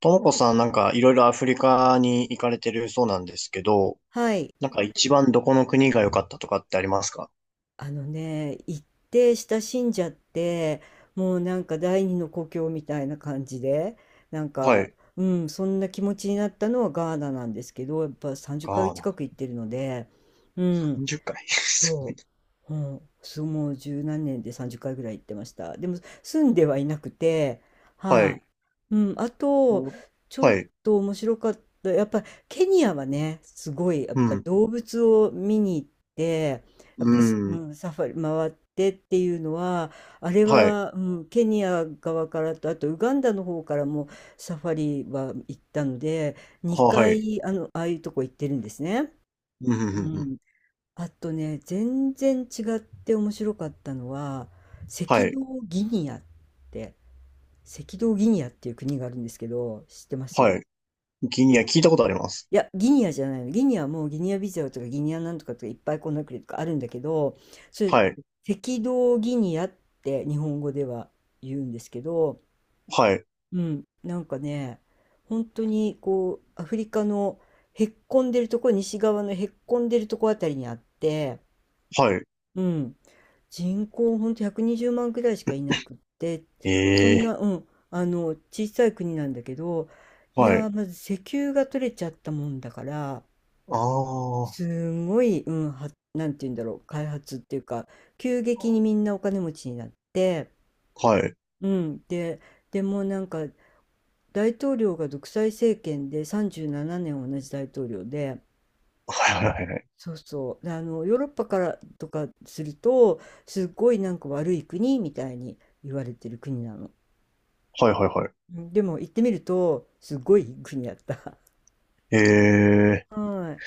ともこさん、なんかいろいろアフリカに行かれてるそうなんですけど、はい。なんか一番どこの国が良かったとかってありますか？あのね、行って親しんじゃって、もうなんか第二の故郷みたいな感じで、なんはか、い。うん、そんな気持ちになったのはガーナなんですけど、やっぱ30ヶガー月ナ。近く行ってるので、うん、0回。そ そうもう十何年で30回ぐらい行ってました。でも住んではいなくて、ははい。い、うん、あとお、ちょはっい。と面白かった、やっぱケニアはね、すごいやっうぱりん。動物を見に行って、やっうぱ、うん。ん、サファリ回ってっていうのは、あれはい。は、うん、ケニア側からと、あとウガンダの方からもサファリは行ったので、は、は2い。回あの、ああいうとこ行ってるんですね。うん、うん、うん。ううん、ん、あとね、全然違って面白かったのは、は赤い。道ギニアって、赤道ギニアっていう国があるんですけど、知ってまはす？い。ギニア聞いたことあります。いや、ギニアじゃないの。ギニアはもうギニアビザオとかギニアなんとかとかいっぱいこんな国とかあるんだけど、それ、はい。赤道ギニアって日本語では言うんですけど、はい。うん、なんかね、本当にこう、アフリカのへっこんでるとこ、西側のへっこんでるとこあたりにあって、はい。うん。人口ほんと120万く、にじゅうまんくらいしかいなくって、そえんえな、うん、あの小さい国なんだけど、ー。いはやい。ーまず石油が取れちゃったもんだから、ああ。はすんごい、うん、はなんて言うんだろう、開発っていうか急激にみんなお金持ちになって、い。うん、で、でもなんか大統領が独裁政権で37年同じ大統領で、はい、はい、はい。そうそう。であの、ヨーロッパからとかすると、すっごいなんか悪い国みたいに言われてる国なの。はい、はい、はい。うん、でも行ってみると、すっごいいい国だった。え、え はい。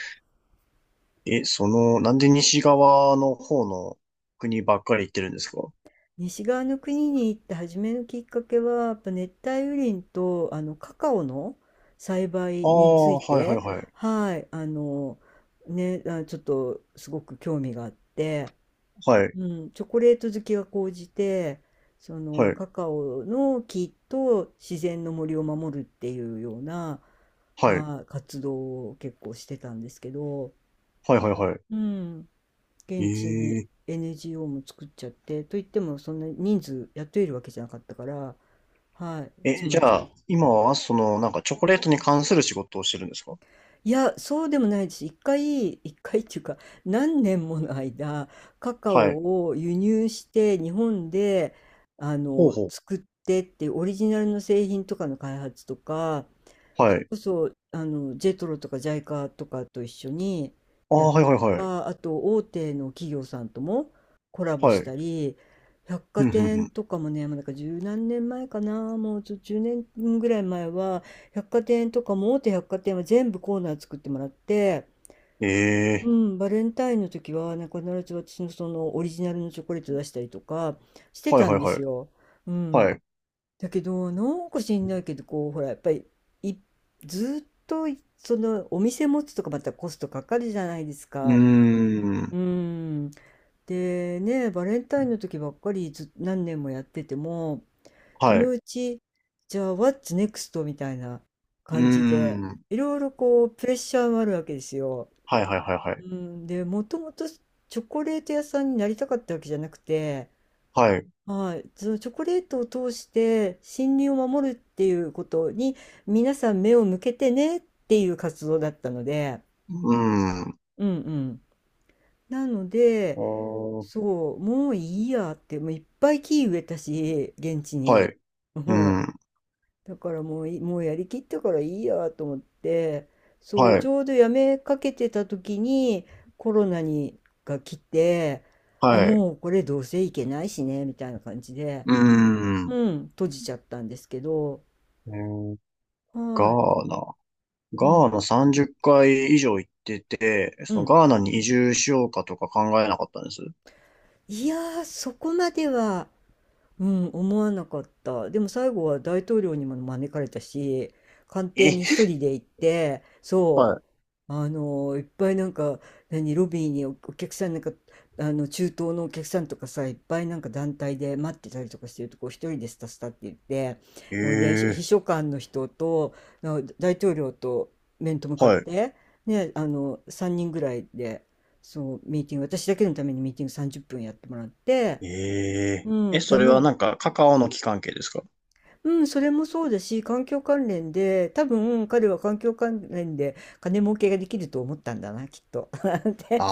え、その、なんで西側の方の国ばっかり行ってるんですか？西側の国に行って初めのきっかけは、やっぱ熱帯雨林とあのカカオの栽あ培につあ、いはいはいて、はい。はい、あの、ね、あちょっとすごく興味があって、はい、うん、チョコレート好きが高じて、そはのい、カカオの木と自然の森を守るっていうような、はい、はい、活動を結構してたんですけど、はいはいはうん、い。現地に え、 NGO も作っちゃって、といってもそんな人数雇えるわけじゃなかったから、はい、えちえ、じまちゃま、あ、今は、その、なんかチョコレートに関する仕事をしてるんですか？いや、そうでもないです。一回っていうか、何年もの間、カカはい。オを輸入して、日本で、あほうの、ほう。作ってってオリジナルの製品とかの開発とか、はそれい。こそあのジェトロとかジャイカとかと一緒にああ、やったはいはいりとはい。か、あと大手の企業さんともコラボはしい。たり、百ふ貨んふんふ店ん。とかもね、もうなんか十何年前かな、もう10年ぐらい前は百貨店とかも大手百貨店は全部コーナー作ってもらって、ええ、うん、バレンタインの時はなんか必ず私のそのオリジナルのチョコレート出したりとかしてはいたはんいではすい。よ。うん、はい。だけど、なんか知んないけど、こう、ほら、やっぱり、い、ずっとい、その、お店持つとかまたコストかかるじゃないですうーか。うん。ん。で、ね、バレンタインの時ばっかりず、何年もやってても、そはい。のううち、じゃあ、What's next? みたいなー感じで、ん。いろいろこう、プレッシャーもあるわけですよ。はいはいはいはうい。ん。で、もともとチョコレート屋さんになりたかったわけじゃなくて、はい。はい、そのチョコレートを通して森林を守るっていうことに皆さん目を向けてねっていう活動だったので、うーん。うん、うん。なのあで、ー、そう、もういいやって、もういっぱい木植えたし、現地はに。い。うーもう、ん。だからもうい、もうやりきったからいいやと思って、そう、はちい。ょうどやめかけてた時にコロナにが来て、あ、はい。もうこれどうせいけないしね、みたいな感じで。うーうん。ん、閉じちゃったんですけど、えー、ガはい、ーナ。うガーん、ナ30回以上行ってて、うそのん。ガーナに移住しようかとか考えなかったんです。いやー、そこまでは、うん、思わなかった。でも最後は大統領にも招かれたし、官邸え、に一人で行って、そはう、あのいっぱいなんか何ロビーにお客さんなんか、あの中東のお客さんとかさ、いっぱいなんか団体で待ってたりとかしてるとこ、一人でスタスタって言って、い。ほいで秘えー、書官の人と、あ大統領と面と向かっはてね、あの3人ぐらいで、そうミーティング、私だけのためにミーティング30分やってもらって、い。えうー、え、ん、でそれはも、なんかカカオの木関係ですか？うん、それもそうだし、環境関連で、多分彼は環境関連で金儲けができると思ったんだな、きっと。あで、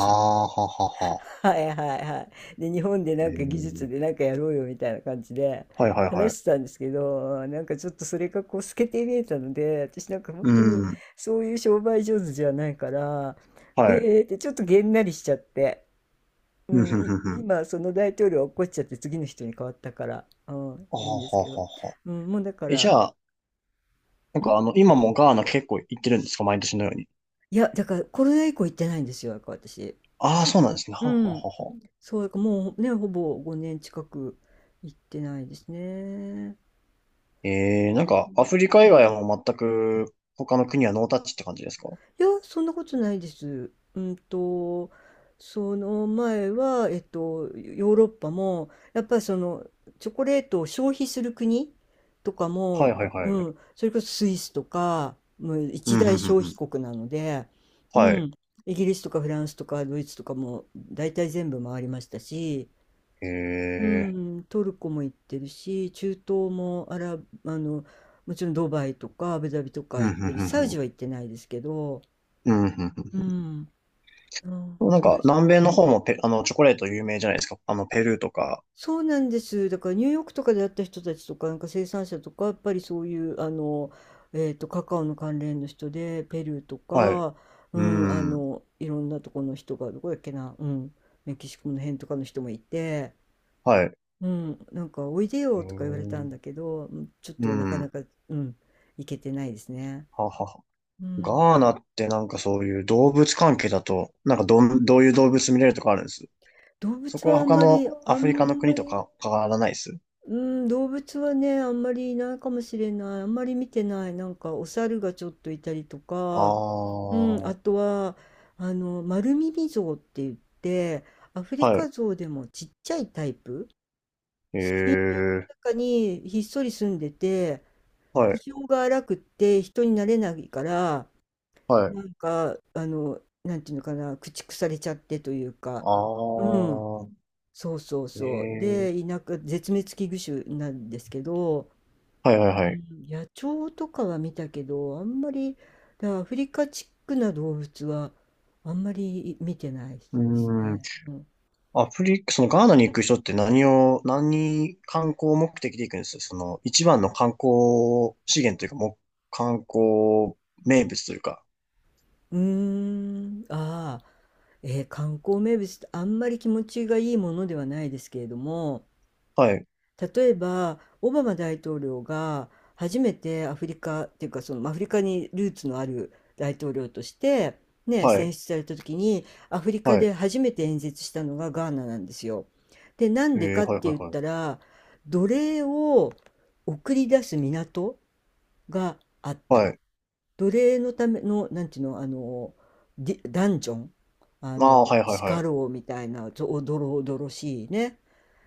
あー、ははは。はいはいはい。で、日本でえなんか技術ー、でなんかやろうよみたいな感じではいはいはい。話してたんですけど、なんかちょっとそれがこう透けて見えたので、私なんか本う当にん。そういう商売上手じゃないから、えはい。ーってちょっとげんなりしちゃって、ううん、ん、ふんいふんふん。今その大統領は怒っこっちゃって次の人に変わったから、うん、あいいんはですはけど、はは。うん、もうだかえ、じら、ゃあ、なんんかあの、今もガーナ結構行ってるんですか？毎年のように。いや、だからコロナ以降行ってないんですよ、だから私。ああ、そうなんですね。うはははん。は。そう、だからもうね、ほぼ5年近く行ってないですね。えー、なんか、アフリカ以外はもう全く他の国はノータッチって感じですか？いや、そんなことないです。うんと、その前は、ヨーロッパも、やっぱりその、チョコレートを消費する国とかはいも、はいはうい。ん、それこそスイスとか、もうう一ん、うん、大うん、消う費ん。国なので、うはい。ん、イギリスとかフランスとかドイツとかも大体全部回りましたし、うえん、トルコも行ってるし、中東もあの、もちろんドバイとかアブダビとー、かうん、う行っん、うん、てるし、サウうジん。は行ってないですけど、うん、うん、うん、うん、うん。なんそうでか、すね。南米の方もペ、あの、チョコレート有名じゃないですか。あの、ペルーとか。そうなんです。だからニューヨークとかで会った人たちとか、なんか生産者とか、やっぱりそういう、あの、カカオの関連の人で、ペルーとはい。か、ううん、あん。の、いろんなとこの人が、どこだっけな、うん、メキシコの辺とかの人もいて、はい。うん、なんか「おいでえよ」とか言われたんー、だけど、うん、ちょっうとなかなん。か、うん、行けてないですね。ははは。うん。ガーナってなんかそういう動物関係だと、なんかどん、どういう動物見れるとかあるんです？動そ物こははあん他まのりアあフリカのん国まとり、か変わらないです。うん、動物はね、あんまりいないかもしれない。あんまり見てない。なんかお猿がちょっといたりとあか、あうん、あー、とはあの丸耳象って言って、アフリはカい。ゾウでもちっちゃいタイプ、え森林え、の中にひっそり住んでて、は気い、性が荒くって人になれないから。はい。なんか、あの、なんていうのかな、駆逐されちゃってというか、あうん、あ、そうそうえそう。え、で、田舎、絶滅危惧種なんですけど、はいはいうはい。ん、野鳥とかは見たけど、あんまり、だからアフリカチックな動物は、あんまり見てないでうすーん。ね。うん、アフリカ、そのガーナに行く人って何を、何観光目的で行くんです？その一番の観光資源というか、もう観光名物というか。うーん、ああ、観光名物ってあんまり気持ちがいいものではないですけれども、はい、例えばオバマ大統領が初めてアフリカっていうかそのアフリカにルーツのある大統領として、ね、は選い、出された時にアフリカはでい。初めて演説したのがガーナなんですよ。でなんえでえ、かっはいてはい言っはい。たら奴隷を送り出す港があった。はい。奴隷のためのなんていうの、あのディダンジョン、あああ、のはいはい地は下い。牢みたいなおどろおどろしいね、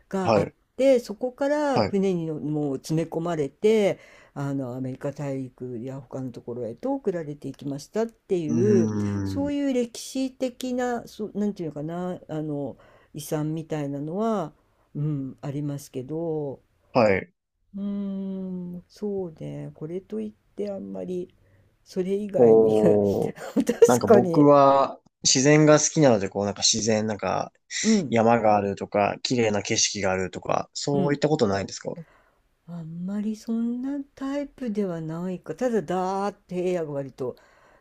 がはあっい、て、そこからはい。船にのもう詰め込まれて、あのアメリカ大陸や他のところへと送られていきましたってうーいう、そうん。いう歴史的な、そう、なんていうのかな、あの遺産みたいなのは、うん、ありますけど、はい。うーん、そうね、これといってあんまりそれ以外に 確こう、なんかか僕に、は自然が好きなので、こうなんか自然、なんか、うん、山があるとか、綺麗な景色があるとか、うそういっん、たことないんですか？あんまりそんなタイプではないか、ただだーって平野が割と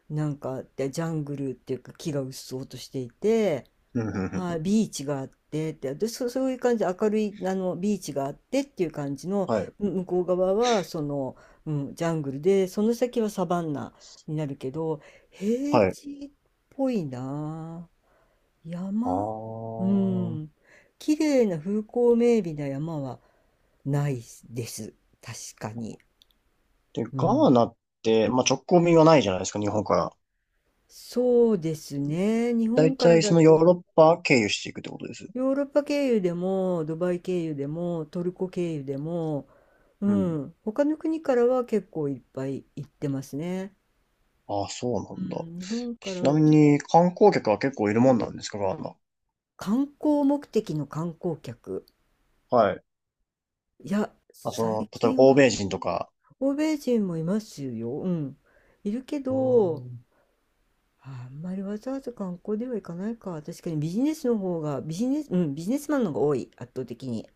なんかでジャングルっていうか木がうっそうとしていて、うんうんうはい、ん、ビーチがあってってで、そ、そういう感じで明るいあのビーチがあってっていう感じの、はい。向こう側はその、うん、ジャングルでその先はサバンナになるけど平はい。地っぽいな、あ山、うん、あ。綺麗な風光明媚な山はないです、確かに。で、ガうーん、ナって、まあ、直行便はないじゃないですか、日本から。そうですね。日だ本いかたらいだそのヨーと、ロッパ経由していくってことです。ヨーロッパ経由でも、ドバイ経由でも、トルコ経由でも、ううん。ん、他の国からは結構いっぱい行ってますね。ああ、そううなんだ。ん、日本からちなはみちょ、に観光客は結構いるもんなんですか、ガーナ。観光目的の観光客。はい。いや、あ、そ最の、例えば近欧は米人とか。欧米人もいますよ。うん、いるけうーど、ん。あんまりわざわざ観光では行かないか。確かにビジネスの方が、ビジネス、うん、ビジネスマンの方が多い、圧倒的に。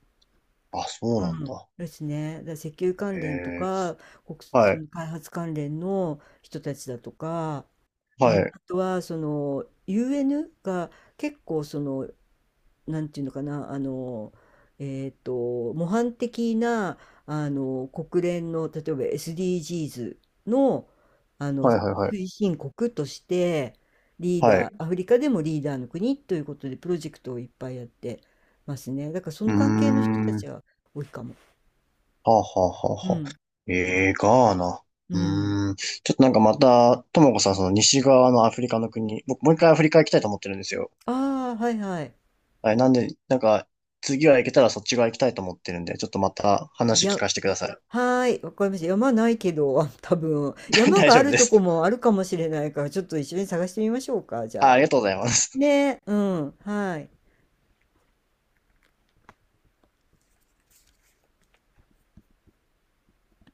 あ、そううなんんだ。ですね。だから石油へ関連とえ。か、国はそい。の開発関連の人たちだとか、うはん、い。あとはその UN が結構その、なんていうのかな、あの、模範的なあの国連の例えば SDGs の、あのはいはいはい。推進国としてリーはダー、い。アフリカでもリーダーの国ということでプロジェクトをいっぱいやってますね。だからそうのー関係の人たん。ちは多いかも。はあ、はあ、はうあ、はあ。ん。え、え、ガーナ。うん。うーん。ちょっとなんかまた、ともこさん、その西側のアフリカの国、僕もう一回アフリカ行きたいと思ってるんですよ。ああ、はいはい。はい、なんで、なんか、次は行けたらそっち側行きたいと思ってるんで、ちょっとまたい話聞や、かせてくださはーい、わかりました。山ないけど、あ多分。い。山大が丈あ夫るでとこす。もあるかもしれないから、ちょっと一緒に探してみましょうか、じあ、ゃああ。りがとうございます。ね、うん、はい。